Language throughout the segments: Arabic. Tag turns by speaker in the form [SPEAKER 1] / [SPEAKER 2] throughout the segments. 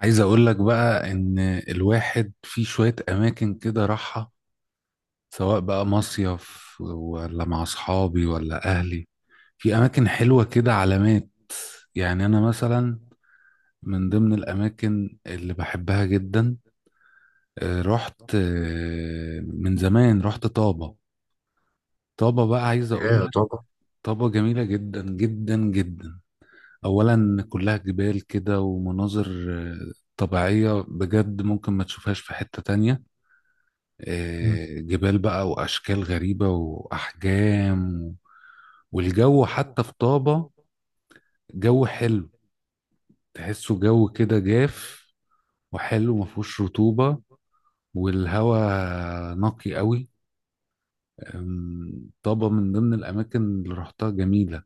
[SPEAKER 1] عايز اقول لك بقى ان الواحد في شوية اماكن كده راحة، سواء بقى مصيف ولا مع اصحابي ولا اهلي. في اماكن حلوة كده علامات. يعني انا مثلا من ضمن الاماكن اللي بحبها جدا، رحت من زمان رحت طابة. طابة بقى عايز اقول
[SPEAKER 2] ياه
[SPEAKER 1] لك،
[SPEAKER 2] طبعا.
[SPEAKER 1] طابة جميلة جدا جدا جدا. اولا كلها جبال كده ومناظر طبيعية بجد، ممكن ما تشوفهاش في حتة تانية.
[SPEAKER 2] مم.
[SPEAKER 1] جبال بقى وأشكال غريبة وأحجام. والجو حتى في طابة جو حلو، تحسه جو كده جاف وحلو مفهوش رطوبة، والهواء نقي قوي. طابة من ضمن الأماكن اللي رحتها جميلة.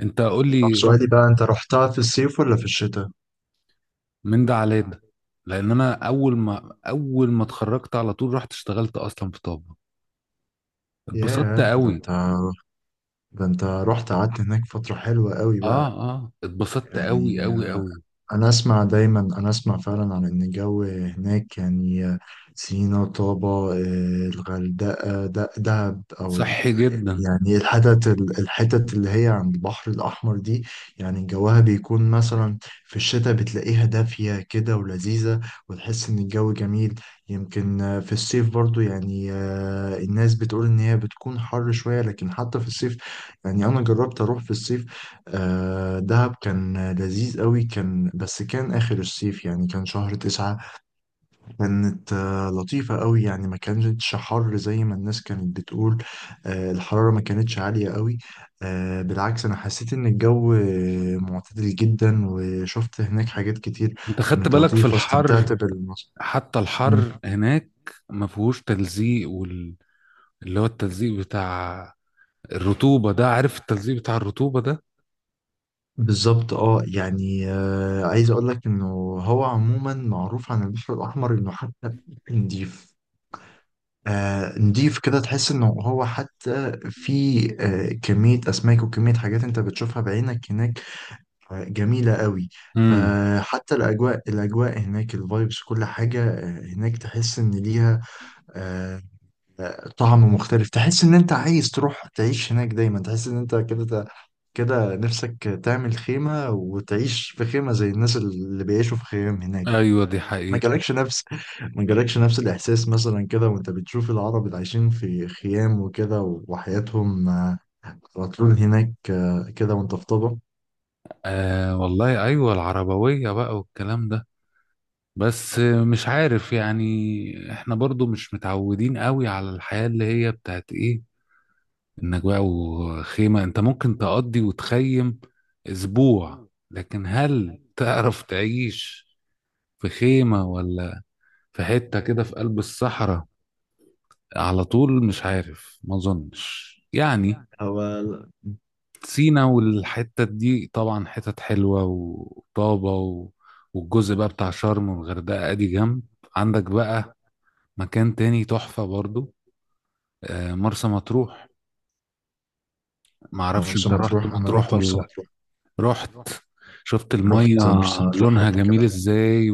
[SPEAKER 1] أنت قول
[SPEAKER 2] طب
[SPEAKER 1] لي، رحت
[SPEAKER 2] سؤالي بقى، انت رحتها في الصيف ولا في الشتاء؟
[SPEAKER 1] من ده على ده؟ لأن أنا أول ما اتخرجت على طول رحت اشتغلت أصلا في طابة، اتبسطت
[SPEAKER 2] ياه ده
[SPEAKER 1] قوي.
[SPEAKER 2] انت، ده انت رحت قعدت هناك فترة حلوة قوي
[SPEAKER 1] اه،
[SPEAKER 2] بقى.
[SPEAKER 1] اه، اتبسطت قوي
[SPEAKER 2] يعني
[SPEAKER 1] قوي قوي.
[SPEAKER 2] انا اسمع فعلا عن ان الجو هناك، يعني سينا، طابة، الغردقة، دهب او
[SPEAKER 1] صحي جدا.
[SPEAKER 2] يعني الحتت اللي هي عند البحر الأحمر دي، يعني جوها بيكون مثلا في الشتاء بتلاقيها دافية كده ولذيذة، وتحس إن الجو جميل. يمكن في الصيف برضو، يعني الناس بتقول إن هي بتكون حر شوية، لكن حتى في الصيف يعني أنا جربت أروح في الصيف. دهب كان لذيذ قوي، كان بس كان آخر الصيف، يعني كان شهر تسعة. كانت لطيفة قوي، يعني ما كانتش حر زي ما الناس كانت بتقول. الحرارة ما كانتش عالية قوي. بالعكس، أنا حسيت إن الجو معتدل جدا، وشفت هناك حاجات كتير
[SPEAKER 1] انت خدت
[SPEAKER 2] كانت
[SPEAKER 1] بالك في
[SPEAKER 2] لطيفة،
[SPEAKER 1] الحر؟
[SPEAKER 2] استمتعت بالمصر.
[SPEAKER 1] حتى
[SPEAKER 2] مم.
[SPEAKER 1] الحر هناك ما فيهوش تلزيق اللي هو التلزيق بتاع الرطوبة ده، عارف التلزيق بتاع الرطوبة ده؟
[SPEAKER 2] بالظبط، اه، يعني عايز أقول لك إنه هو عموما معروف عن البحر الأحمر إنه حتى نضيف، نضيف كده، تحس انه هو حتى في كمية اسماك وكمية حاجات انت بتشوفها بعينك هناك جميلة قوي.
[SPEAKER 1] امم.
[SPEAKER 2] فحتى الأجواء، هناك، الفايبس، كل حاجة هناك تحس إن ليها آه، طعم مختلف. تحس إن أنت عايز تروح تعيش هناك دايما، تحس إن أنت كده نفسك تعمل خيمة وتعيش في خيمة زي الناس اللي بيعيشوا في خيام هناك.
[SPEAKER 1] ايوه دي
[SPEAKER 2] ما
[SPEAKER 1] حقيقة.
[SPEAKER 2] جالكش نفس ما جالكش نفس الإحساس مثلا كده وأنت بتشوف العرب اللي عايشين في خيام وكده، وحياتهم على طول هناك كده، وأنت في طبق.
[SPEAKER 1] آه والله ايوه، العربوية بقى والكلام ده، بس مش عارف، يعني احنا برضو مش متعودين قوي على الحياة اللي هي بتاعت ايه، انك بقى وخيمة. انت ممكن تقضي وتخيم اسبوع، لكن هل تعرف تعيش في خيمة ولا في حتة كده في قلب الصحراء على طول؟ مش عارف ما اظنش يعني.
[SPEAKER 2] هو
[SPEAKER 1] سينا والحتة دي طبعا حتت حلوة، وطابة والجزء بقى بتاع شرم والغردقة ادي جنب. عندك بقى مكان تاني تحفة برضو، مرسى مطروح. معرفش
[SPEAKER 2] مرسى
[SPEAKER 1] انت رحت
[SPEAKER 2] مطروح، انا
[SPEAKER 1] مطروح
[SPEAKER 2] رحت
[SPEAKER 1] ولا
[SPEAKER 2] مرسى
[SPEAKER 1] لأ.
[SPEAKER 2] مطروح،
[SPEAKER 1] رحت، شفت المية
[SPEAKER 2] رحت مرسى مطروح
[SPEAKER 1] لونها
[SPEAKER 2] قبل كده.
[SPEAKER 1] جميل ازاي؟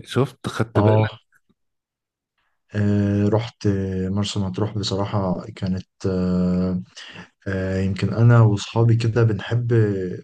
[SPEAKER 1] وشفت، خدت
[SPEAKER 2] اه.
[SPEAKER 1] بالك؟
[SPEAKER 2] رحت مرسى مطروح. بصراحة كانت يمكن أنا وأصحابي كده بنحب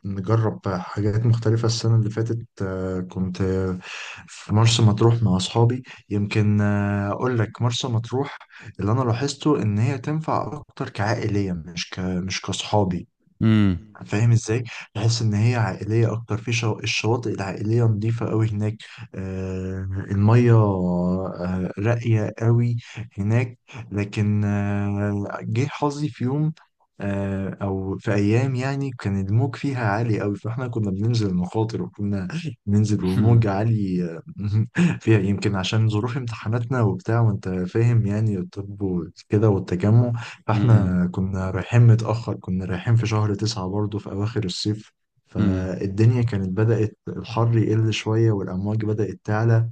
[SPEAKER 2] نجرب حاجات مختلفة. السنة اللي فاتت كنت في مرسى مطروح مع أصحابي. يمكن أقول لك مرسى مطروح اللي أنا لاحظته إن هي تنفع أكتر كعائلية، مش مش كأصحابي.
[SPEAKER 1] امم.
[SPEAKER 2] فاهم ازاي؟ تحس ان هي عائليه اكتر في الشواطئ العائليه نظيفه قوي هناك. آه الميه آه راقيه قوي هناك. لكن آه جه حظي في يوم او في ايام، يعني كان الموج فيها عالي قوي، فاحنا كنا بننزل مخاطر، بننزل والموج عالي فيها يمكن عشان ظروف امتحاناتنا وبتاع، وانت فاهم يعني الطب وكده والتجمع. فاحنا
[SPEAKER 1] امم.
[SPEAKER 2] كنا رايحين متأخر، كنا رايحين في شهر تسعة برضه في أواخر الصيف.
[SPEAKER 1] أمم.
[SPEAKER 2] فالدنيا كانت بدأت الحر يقل شوية والأمواج بدأت تعلى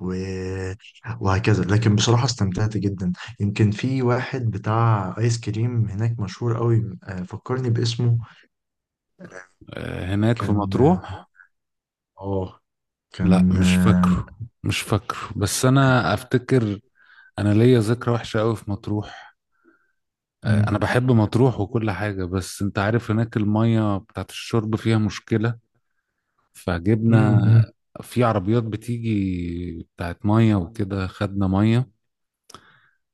[SPEAKER 2] و... وهكذا. لكن بصراحة استمتعت جدا. يمكن في واحد بتاع آيس كريم هناك مشهور قوي، فكرني باسمه.
[SPEAKER 1] هناك في
[SPEAKER 2] كان،
[SPEAKER 1] مطروح.
[SPEAKER 2] اه،
[SPEAKER 1] لا
[SPEAKER 2] كان
[SPEAKER 1] مش فاكره، مش فاكره بس انا افتكر. انا ليا ذكرى وحشة قوي في مطروح.
[SPEAKER 2] مم،
[SPEAKER 1] انا بحب مطروح وكل حاجة، بس انت عارف هناك المية بتاعت الشرب فيها مشكلة. فجبنا
[SPEAKER 2] مم، مم،
[SPEAKER 1] في عربيات بتيجي بتاعت مية وكده، خدنا مية،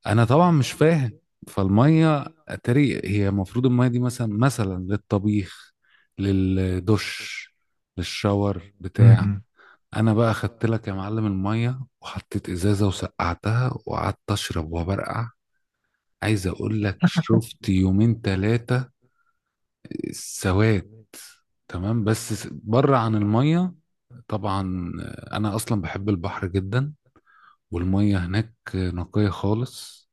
[SPEAKER 1] انا طبعا مش فاهم. فالمية اتاري هي المفروض المية دي مثلا للطبيخ، للدش، للشاور بتاع.
[SPEAKER 2] مم.
[SPEAKER 1] انا بقى خدت لك يا معلم الميه وحطيت ازازه وسقعتها وقعدت اشرب وبرقع. عايز اقول لك شفت يومين ثلاثه سواد. تمام بس بره عن الميه. طبعا انا اصلا بحب البحر جدا، والميه هناك نقيه خالص،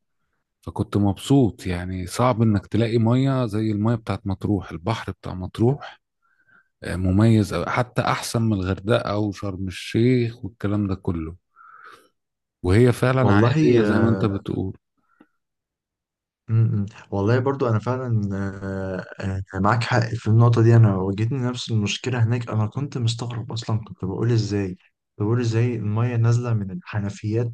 [SPEAKER 1] فكنت مبسوط. يعني صعب انك تلاقي ميه زي الميه بتاعت مطروح، البحر بتاع مطروح مميز أوي، حتى احسن من الغردقه او شرم الشيخ والكلام ده كله. وهي فعلا عائلية
[SPEAKER 2] والله
[SPEAKER 1] زي ما انت بتقول.
[SPEAKER 2] م- م. والله برضو انا فعلا معاك حق في النقطه دي. انا واجهتني نفس المشكله هناك، انا كنت مستغرب اصلا، كنت بقول ازاي، بقول ازاي الميه نازله من الحنفيات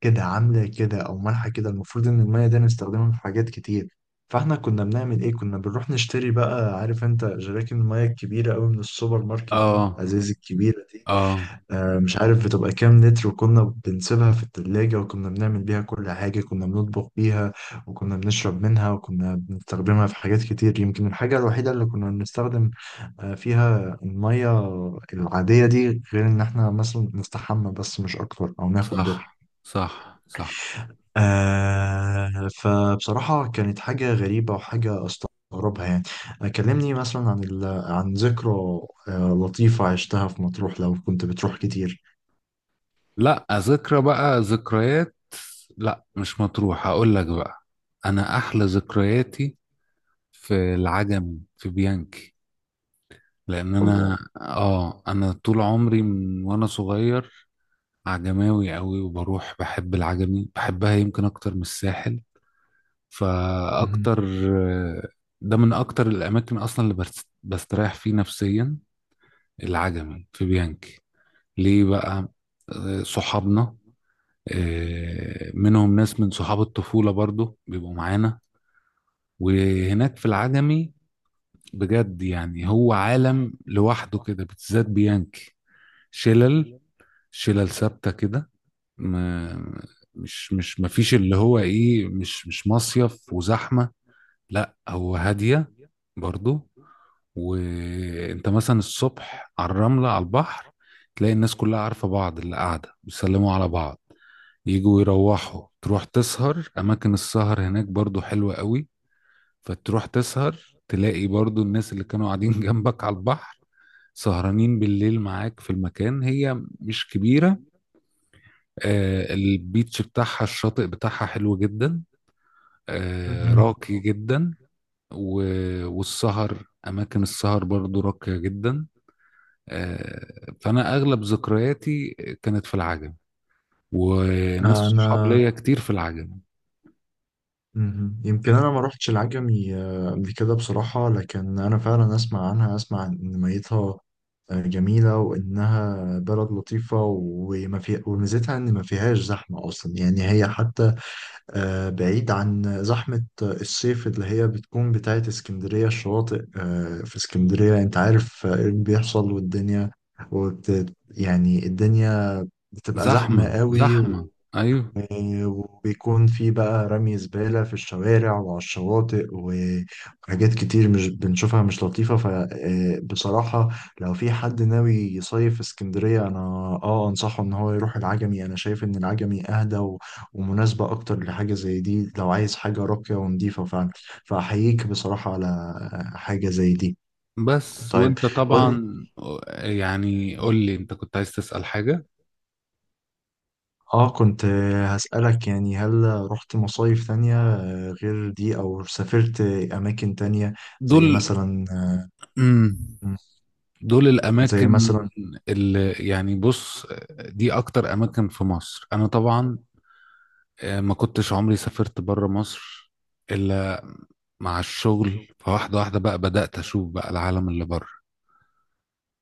[SPEAKER 2] كده عامله كده او مالحه كده، المفروض ان الميه دي نستخدمها في حاجات كتير. فاحنا كنا بنعمل ايه، كنا بنروح نشتري بقى، عارف انت جراكن الميه الكبيره قوي من السوبر ماركت دي،
[SPEAKER 1] اه،
[SPEAKER 2] ازاز الكبيره،
[SPEAKER 1] اه.
[SPEAKER 2] مش عارف بتبقى كام لتر، وكنا بنسيبها في التلاجة، وكنا بنعمل بيها كل حاجة، كنا بنطبخ بيها، وكنا بنشرب منها، وكنا بنستخدمها في حاجات كتير. يمكن الحاجة الوحيدة اللي كنا بنستخدم فيها المية العادية دي غير إن إحنا مثلا نستحمى، بس مش أكتر، أو ناخد
[SPEAKER 1] صح،
[SPEAKER 2] دور.
[SPEAKER 1] صح، صح.
[SPEAKER 2] آه، فبصراحة كانت حاجة غريبة وحاجة أستغربها يعني. كلمني مثلا عن عن ذكرى لطيفة عشتها في مطروح لو كنت بتروح كتير.
[SPEAKER 1] لا، ذكرى بقى، ذكريات، لا مش مطروح، هقول لك بقى. انا احلى ذكرياتي في العجمي، في بيانكي. لان انا
[SPEAKER 2] الله.
[SPEAKER 1] انا طول عمري من وانا صغير عجماوي قوي، وبروح بحب العجمي، بحبها يمكن اكتر من الساحل. فاكتر، ده من اكتر الاماكن اصلا اللي بستريح فيه نفسيا، العجمي في بيانكي. ليه بقى؟ صحابنا، منهم ناس من صحاب الطفولة برضو بيبقوا معانا، وهناك في العجمي بجد يعني هو عالم لوحده كده، بالذات بيانكي. شلل شلل ثابتة كده. ما- مش مش مفيش، اللي هو ايه، مش مصيف وزحمة، لا هو هادية برضو. وانت مثلا الصبح على الرملة على البحر، تلاقي الناس كلها عارفة بعض، اللي قاعدة بيسلموا على بعض، يجوا يروحوا. تروح تسهر أماكن السهر هناك برضو حلوة قوي. فتروح تسهر، تلاقي برضو الناس اللي كانوا قاعدين جنبك على البحر سهرانين بالليل معاك في المكان، هي مش كبيرة. البيتش بتاعها، الشاطئ بتاعها حلو جدا،
[SPEAKER 2] م-م.
[SPEAKER 1] راقي جدا و... والسهر، أماكن السهر برضو راقية جدا. آه، فانا اغلب ذكرياتي كانت في العجم، وناس صحاب
[SPEAKER 2] انا
[SPEAKER 1] ليا كتير في العجم.
[SPEAKER 2] م-م. يمكن انا ما روحتش العجمي قبل كده بصراحة، لكن انا فعلا اسمع عنها، اسمع ان ميتها جميلة، وانها بلد لطيفة، وما في، وميزتها ان ما فيهاش زحمة اصلا، يعني هي حتى بعيد عن زحمة الصيف اللي هي بتكون بتاعت اسكندرية. الشواطئ في اسكندرية انت عارف ايه اللي بيحصل، والدنيا يعني الدنيا بتبقى زحمة
[SPEAKER 1] زحمه،
[SPEAKER 2] قوي،
[SPEAKER 1] زحمه، ايوه.
[SPEAKER 2] وبيكون في بقى رمي زبالة في الشوارع وعلى الشواطئ، وحاجات كتير مش بنشوفها مش لطيفة. فبصراحة لو في حد ناوي يصيف في اسكندرية، أنا آه أنصحه إن هو يروح العجمي. أنا شايف إن العجمي أهدى ومناسبة أكتر لحاجة زي دي، لو عايز حاجة راقية ونضيفة فعلا. فأحييك بصراحة على حاجة زي دي.
[SPEAKER 1] بس
[SPEAKER 2] طيب
[SPEAKER 1] وانت
[SPEAKER 2] قول لي.
[SPEAKER 1] طبعا، يعني قول لي انت كنت عايز تسأل حاجه.
[SPEAKER 2] آه، كنت هسألك، يعني هل رحت مصايف تانية غير دي، او سافرت اماكن تانية، زي
[SPEAKER 1] دول،
[SPEAKER 2] مثلا
[SPEAKER 1] مم، دول
[SPEAKER 2] زي
[SPEAKER 1] الاماكن
[SPEAKER 2] مثلا؟
[SPEAKER 1] اللي، يعني بص، دي اكتر اماكن في مصر. انا طبعا ما كنتش عمري سافرت بره مصر الا مع الشغل، فواحده واحده بقى بدأت اشوف بقى العالم اللي بره.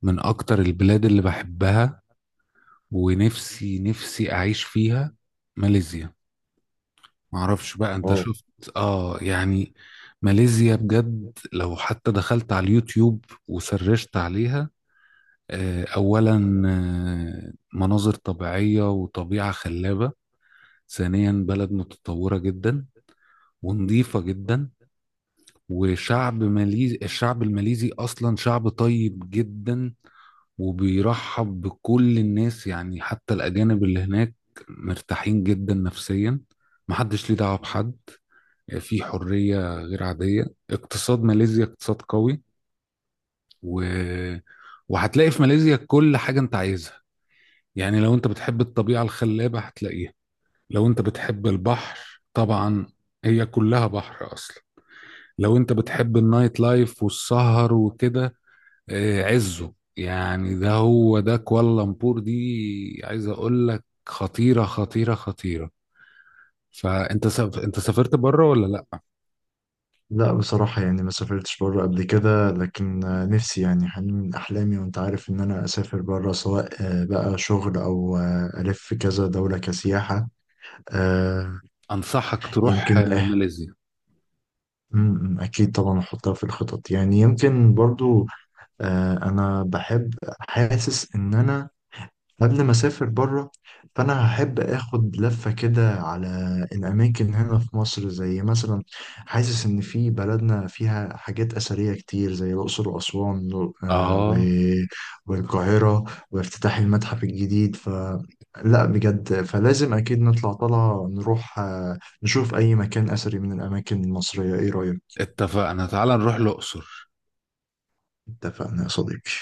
[SPEAKER 1] من أكتر البلاد اللي بحبها ونفسي نفسي أعيش فيها، ماليزيا. معرفش بقى أنت
[SPEAKER 2] اه
[SPEAKER 1] شفت؟ يعني ماليزيا بجد، لو حتى دخلت على اليوتيوب وسرشت عليها، أولا مناظر طبيعية وطبيعة خلابة، ثانيا بلد متطورة جدا ونظيفة جدا. وشعب ماليزي، الشعب الماليزي أصلا شعب طيب جدا وبيرحب بكل الناس، يعني حتى الأجانب اللي هناك مرتاحين جدا نفسيا، محدش ليه دعوة بحد، في حرية غير عادية. اقتصاد ماليزيا اقتصاد قوي و... وهتلاقي في ماليزيا كل حاجة انت عايزها. يعني لو انت بتحب الطبيعة الخلابة هتلاقيها، لو انت بتحب البحر طبعا هي كلها بحر أصلا، لو انت بتحب النايت لايف والسهر وكده، عزه يعني، ده هو ده كوالالمبور دي، عايز اقول لك خطيرة خطيرة خطيرة. فانت انت سافرت بره ولا لا؟
[SPEAKER 2] لا، بصراحة يعني ما سافرتش بره قبل كده، لكن نفسي يعني، حلم من أحلامي وأنت عارف، إن أنا أسافر بره سواء بقى شغل أو ألف كذا دولة كسياحة. آه،
[SPEAKER 1] انصحك تروح
[SPEAKER 2] يمكن
[SPEAKER 1] ماليزيا.
[SPEAKER 2] م، أكيد طبعا أحطها في الخطط، يعني يمكن برضو أنا بحب، حاسس إن أنا قبل ما اسافر بره، فانا هحب اخد لفه كده على الاماكن هنا في مصر. زي مثلا حاسس ان في بلدنا فيها حاجات اثريه كتير، زي الاقصر واسوان آه،
[SPEAKER 1] اه،
[SPEAKER 2] و- والقاهره، وافتتاح المتحف الجديد. ف، لا بجد، فلازم اكيد نطلع طلعه نروح نشوف اي مكان اثري من الاماكن المصريه. ايه رايك؟
[SPEAKER 1] اتفقنا، تعال نروح الاقصر.
[SPEAKER 2] اتفقنا يا صديقي.